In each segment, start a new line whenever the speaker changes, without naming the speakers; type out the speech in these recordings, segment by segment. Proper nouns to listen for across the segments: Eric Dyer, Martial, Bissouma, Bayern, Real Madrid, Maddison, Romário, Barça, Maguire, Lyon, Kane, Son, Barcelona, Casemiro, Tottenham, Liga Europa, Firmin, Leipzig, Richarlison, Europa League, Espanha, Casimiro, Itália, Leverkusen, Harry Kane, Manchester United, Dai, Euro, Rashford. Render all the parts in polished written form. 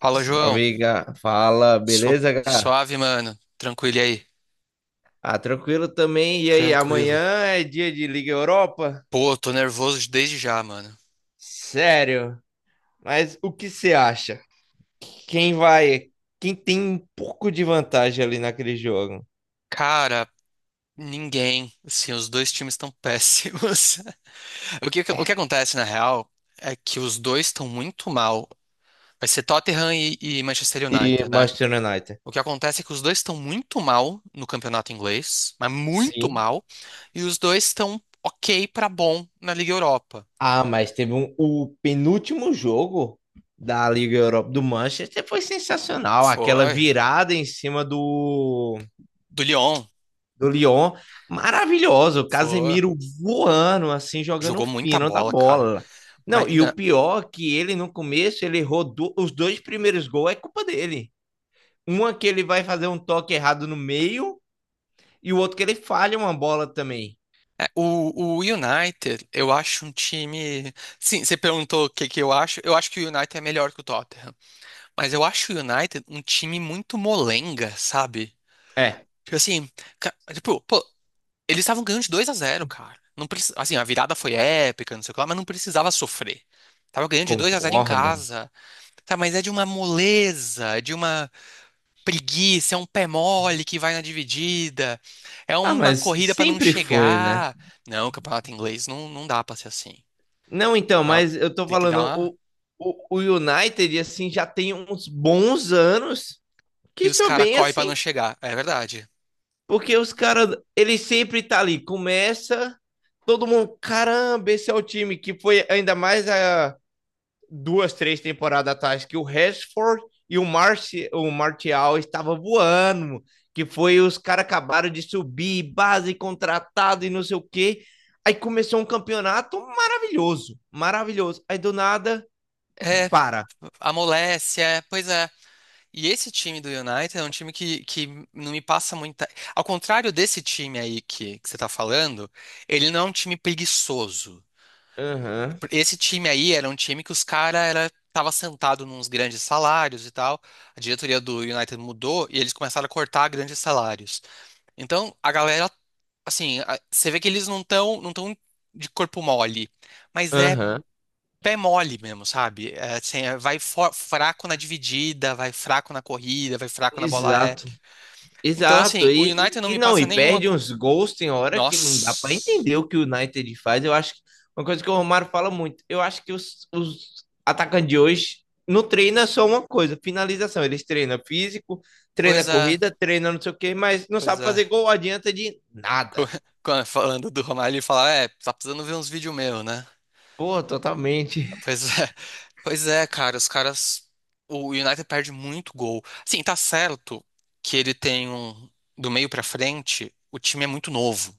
Fala, João.
Amiga, fala, beleza, cara?
Suave, mano. Tranquilo e aí?
Ah, tranquilo também. E aí, amanhã
Tranquilo.
é dia de Liga Europa?
Pô, tô nervoso desde já, mano.
Sério? Mas o que você acha? Quem vai? Quem tem um pouco de vantagem ali naquele jogo?
Cara, ninguém. Assim, os dois times estão péssimos. O que acontece, na real, é que os dois estão muito mal. Vai ser Tottenham e Manchester
É
United, né?
Manchester United.
O que acontece é que os dois estão muito mal no campeonato inglês, mas muito
Sim.
mal, e os dois estão ok pra bom na Liga Europa.
Ah, mas teve o penúltimo jogo da Liga Europa do Manchester foi sensacional. Aquela
Foi.
virada em cima do
Do Lyon.
do Lyon, maravilhoso,
Foi.
Casemiro voando, assim, jogando
Jogou muita
fino da
bola, cara.
bola.
Mas
Não, e o
na-
pior é que ele no começo, ele errou os dois primeiros gols, é culpa dele. Uma que ele vai fazer um toque errado no meio e o outro que ele falha uma bola também.
É, o United, eu acho um time. Sim, você perguntou o que que eu acho. Eu acho que o United é melhor que o Tottenham. Mas eu acho o United um time muito molenga, sabe?
É,
Tipo assim, tipo, pô, eles estavam ganhando de 2 a zero, cara. Não preci- Assim, a virada foi épica, não sei o que lá, mas não precisava sofrer. Tava ganhando de 2 a zero em
concordo.
casa. Tá, mas é de uma moleza, é de uma preguiça, é um pé mole que vai na dividida, é
Ah,
uma
mas
corrida pra não
sempre foi, né?
chegar. Não, o campeonato inglês não, não dá pra ser assim.
Não, então,
Ela
mas eu tô
Tem que dar
falando,
uma.
o United, assim, já tem uns bons anos
E
que
os
só
caras
vem,
correm pra
assim,
não chegar. É verdade.
porque os caras, ele sempre tá ali, começa, todo mundo, caramba, esse é o time que foi ainda mais a duas, três temporadas atrás que o Rashford e o Martial estavam voando, que foi os caras acabaram de subir, base contratado e não sei o quê. Aí começou um campeonato maravilhoso, maravilhoso. Aí do nada,
É,
para.
amolece, é, pois é. E esse time do United é um time que não me passa muita. Ao contrário desse time aí que você tá falando, ele não é um time preguiçoso.
Aham,
Esse time aí era um time que os caras era tava sentado nos grandes salários e tal. A diretoria do United mudou e eles começaram a cortar grandes salários. Então, a galera, assim, você vê que eles não estão, não tão de corpo mole, mas
uhum,
é
aham,
pé mole mesmo, sabe? É, assim, é, vai fraco na dividida, vai fraco na corrida, vai
uhum,
fraco na bola é.
exato.
Então, assim,
Exato,
o
e,
United não
e e
me
não,
passa
e
nenhuma
perde uns gols tem hora que não dá para
Nossa,
entender o que o United faz. Eu acho que uma coisa que o Romário fala muito, eu acho que os atacantes de hoje não treinam só uma coisa, finalização. Eles treinam físico, treinam
coisa,
corrida, treinam não sei o quê, mas não sabe
coisa.
fazer gol, adianta de
Co-
nada.
Falando do Romário, ele fala, é, tá precisando ver uns vídeos meus, né?
Pô, totalmente.
Pois é, pois é, cara, os caras. O United perde muito gol. Assim, tá certo que ele tem um. Do meio pra frente, o time é muito novo.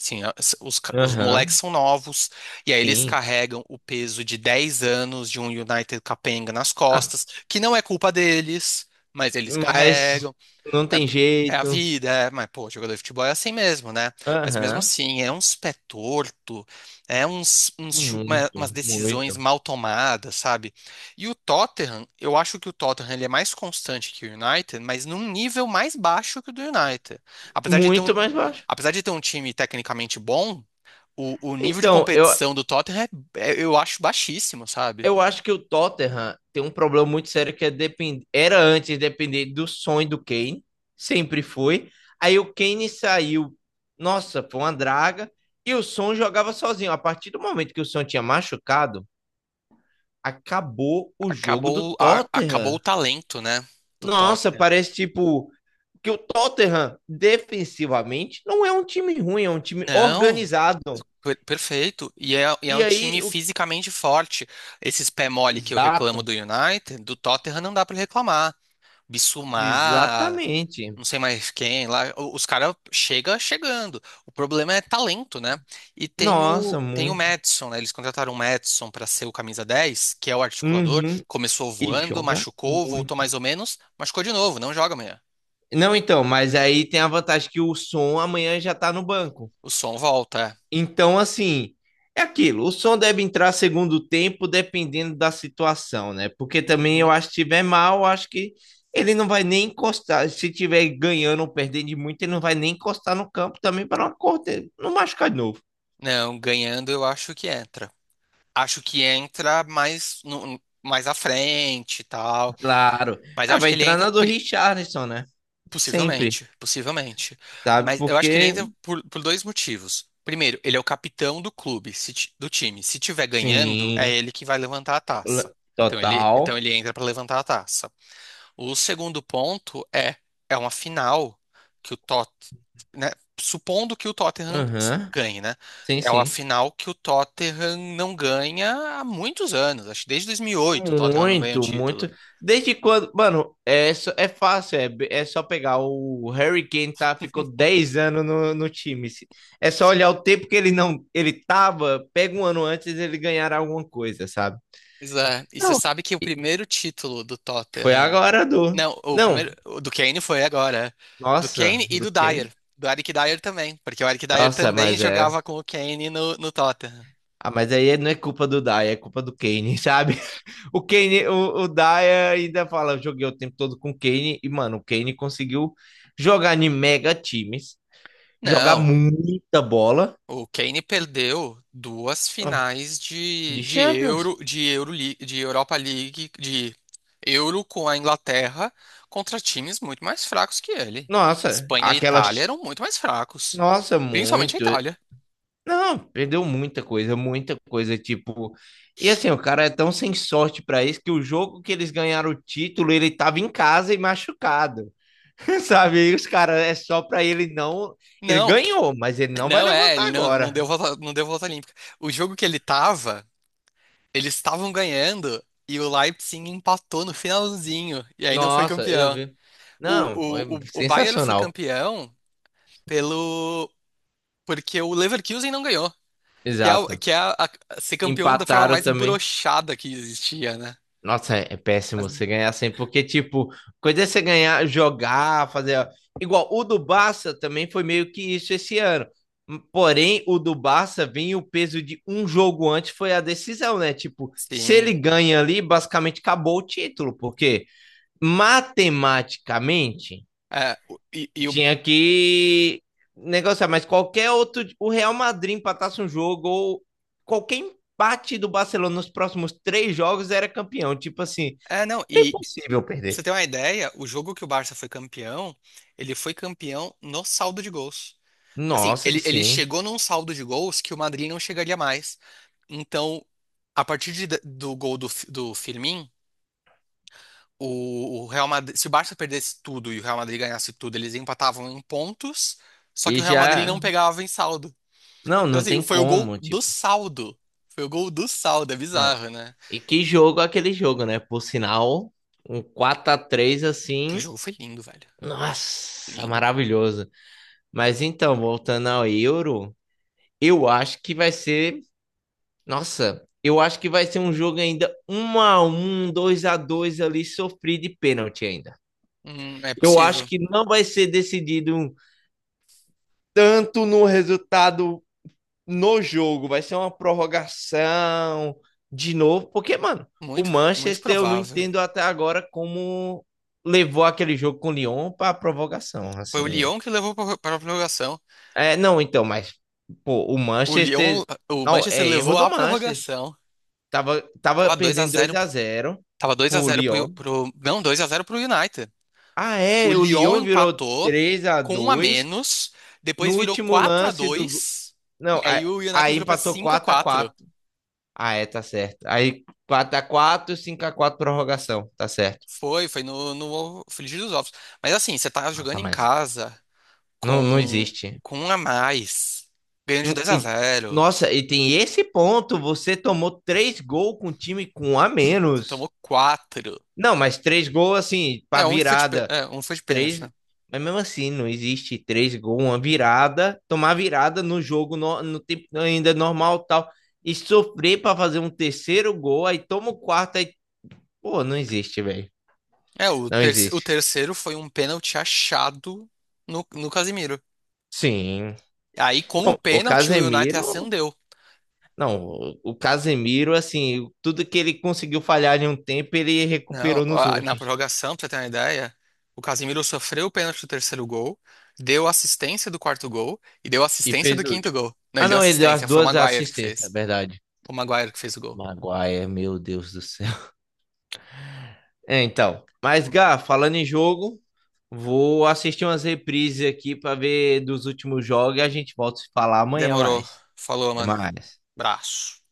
Assim, os moleques
Aham,
são novos, e aí eles
sim.
carregam o peso de 10 anos de um United capenga nas
Ah,
costas, que não é culpa deles, mas eles
mas
carregam.
não tem
É, é a
jeito.
vida, é, mas pô, jogador de futebol é assim mesmo, né? Mas mesmo
Aham,
assim, é uns pé torto, é uns, umas
muito,
decisões
muito.
mal tomadas, sabe? E o Tottenham, eu acho que o Tottenham ele é mais constante que o United, mas num nível mais baixo que o do United. Apesar de ter um,
Muito mais baixo.
apesar de ter um time tecnicamente bom, o nível de
Então, eu,
competição do Tottenham é, é, eu acho baixíssimo, sabe?
Eu acho que o Tottenham tem um problema muito sério que é era antes depender do sonho do Kane, sempre foi. Aí o Kane saiu, nossa, foi uma draga, e o Son jogava sozinho. A partir do momento que o Son tinha machucado, acabou o jogo do
Acabou, acabou o
Tottenham.
talento, né, do
Nossa,
Tottenham.
parece tipo que o Tottenham defensivamente não é um time ruim, é um time
Não,
organizado.
Perfeito. E é
E
um time
aí o
fisicamente forte. Esses pé mole que eu reclamo
exato,
do United, do Tottenham não dá pra reclamar. Bissouma,
exatamente.
não sei mais quem lá, o- os caras chega chegando. O problema é talento, né? E tem
Nossa,
o tem o
muito.
Maddison, né? Eles contrataram o Maddison pra ser o camisa 10, que é o articulador.
Uhum.
Começou
E
voando,
joga
machucou, voltou
muito.
mais ou menos, machucou de novo, não joga amanhã.
Não, então, mas aí tem a vantagem que o som amanhã já tá no banco.
O som volta.
Então, assim, é aquilo. O som deve entrar segundo tempo, dependendo da situação, né? Porque
É.
também eu
Uhum.
acho que se tiver mal, eu acho que ele não vai nem encostar. Se tiver ganhando ou perdendo de muito, ele não vai nem encostar no campo também para não cortar, não machucar de novo.
Não, ganhando eu acho que entra. Acho que entra mais, no- mais à frente e tal.
Claro.
Mas eu
Ah,
acho
vai
que ele
entrar
entra.
na do Richarlison, né? Sempre,
Possivelmente, possivelmente.
sabe?
Mas eu acho que ele
Porque,
entra por dois motivos. Primeiro, ele é o capitão do clube, se ti- do time. Se tiver ganhando, é
sim,
ele que vai levantar a taça. Então
total.
ele entra para levantar a taça. O segundo ponto é, é uma final que o Tot, né, supondo que o Tottenham
Aham.
ganhe, né?
Sim,
É uma
sim.
final que o Tottenham não ganha há muitos anos, acho que desde 2008 o Tottenham não ganha um
Muito,
título.
muito. Desde quando, mano, é, é fácil, é só pegar o Harry Kane tá, ficou 10 anos no time. É só olhar o tempo que ele não, ele tava, pega um ano antes ele ganhar alguma coisa, sabe?
Pois é, e você
Não.
sabe que o
E
primeiro título do
foi
Tottenham,
agora do.
não, o
Não,
primeiro, o do Kane, foi agora, do
nossa,
Kane e
do
do Dyer,
Kane.
do Eric Dyer também, porque o Eric Dyer
Nossa,
também
mas é.
jogava com o Kane no, no Tottenham.
Ah, mas aí não é culpa do Dai, é culpa do Kane, sabe? O Kane, o Dai ainda fala, eu joguei o tempo todo com o Kane e, mano, o Kane conseguiu jogar em mega times, jogar
Não,
muita bola.
o Kane perdeu duas
Ah,
finais
de
de
Champions.
Euro, de Europa League, de Euro com a Inglaterra contra times muito mais fracos que ele.
Nossa,
Espanha e Itália
aquelas.
eram muito mais fracos,
Nossa,
principalmente a
muito.
Itália.
Não, perdeu muita coisa, muita coisa. Tipo. E assim, o cara é tão sem sorte pra isso que o jogo que eles ganharam o título, ele tava em casa e machucado. Sabe? E os caras é só pra ele não. Ele
Não,
ganhou, mas ele não vai
não é,
levantar
ele não, não
agora.
deu volta, não deu volta olímpica. O jogo que ele tava, eles estavam ganhando e o Leipzig empatou no finalzinho e aí não foi
Nossa, eu
campeão.
vi. Não, foi
O Bayern foi
sensacional.
campeão pelo porque o Leverkusen não ganhou, que é,
Exato.
ser campeão da forma
Empataram
mais
também.
broxada que existia, né?
Nossa, é péssimo
Mas
você ganhar assim, porque, tipo, coisa é você ganhar, jogar, fazer. Igual o do Barça também foi meio que isso esse ano. Porém, o do Barça vem o peso de um jogo antes, foi a decisão, né? Tipo, se ele
sim.
ganha ali, basicamente acabou o título, porque matematicamente
É, o- e o,
tinha que negociar, mas qualquer outro. O Real Madrid empatasse um jogo ou qualquer empate do Barcelona nos próximos três jogos era campeão. Tipo assim.
é, não,
É
e
impossível
pra você
perder.
ter uma ideia, o jogo que o Barça foi campeão, ele foi campeão no saldo de gols. Assim,
Nossa,
ele
sim.
chegou num saldo de gols que o Madrid não chegaria mais. Então, do gol do, do Firmin, o Real Madrid, se o Barça perdesse tudo e o Real Madrid ganhasse tudo, eles empatavam em pontos, só que
E
o Real Madrid não
já.
pegava em saldo.
Não,
Então,
não
assim,
tem
foi o gol
como,
do
tipo.
saldo. Foi o gol do saldo, é
Não.
bizarro, né?
E que jogo é aquele jogo, né? Por sinal, um 4-3 assim.
Aquele jogo foi lindo, velho.
Nossa,
Lindo.
maravilhoso. Mas então, voltando ao Euro, eu acho que vai ser. Nossa, eu acho que vai ser um jogo ainda 1-1 2-2 ali, sofrido de pênalti ainda.
É
Eu acho
possível.
que não vai ser decidido tanto no resultado no jogo, vai ser uma prorrogação de novo, porque, mano, o
Muito, muito
Manchester eu não
provável.
entendo até agora como levou aquele jogo com o Lyon para prorrogação,
Foi
assim.
o Lyon que levou para a prorrogação.
É, não, então, mas pô, o
O Lyon,
Manchester
o
não
Manchester
é erro
levou
do
a
Manchester.
prorrogação.
Tava
Tava 2 a
perdendo 2
0,
a zero
tava 2 a
pro
zero
Lyon.
não, 2 a zero pro United.
Ah,
O
é, o
Lyon
Lyon virou
empatou
3 a
com um a
2
menos,
no
depois virou
último
4 a
lance do
2 e
não,
aí
a
o United
aí
virou pra
empatou
5 a
quatro a
4.
quatro Ah, é, tá certo. Aí quatro, x quatro 5x4 prorrogação. Tá certo.
Foi, foi no, no Frigir dos Ovos. Mas assim, você tá jogando
Nossa,
em
mas
casa
não, não
com,
existe.
com um a mais, ganhando de
Hum.
2 a zero.
Nossa, e tem esse ponto. Você tomou três gols com o time com um a
Você
menos.
tomou quatro.
Não, mas três gols assim, pra
É, um foi de,
virada.
é, um foi de pênalti,
Três.
né?
Mas mesmo assim, não existe três gols, uma virada. Tomar virada no jogo, no tempo ainda normal tal. E sofrer pra fazer um terceiro gol. Aí toma o quarto. Aí, pô, não existe, velho.
É, o,
Não
o
existe.
terceiro foi um pênalti achado no Casimiro.
Sim,
Aí, com o
não, o
pênalti, o United
Casemiro,
acendeu.
não, o Casemiro, assim, tudo que ele conseguiu falhar em um tempo, ele
Não,
recuperou nos
na
outros
prorrogação, pra você ter uma ideia, o Casimiro sofreu o pênalti do terceiro gol, deu assistência do quarto gol e deu
e
assistência do
fez o
quinto
último.
gol. Não,
Ah,
ele deu
não, ele deu as
assistência, foi o
duas
Maguire que
assistências, é
fez.
verdade.
O Maguire que fez o gol.
Maguire, meu Deus do céu. É, então, mas Gá, falando em jogo, vou assistir umas reprises aqui para ver dos últimos jogos e a gente volta a se falar amanhã
Demorou.
mais.
Falou,
Até
mano.
mais.
Braço.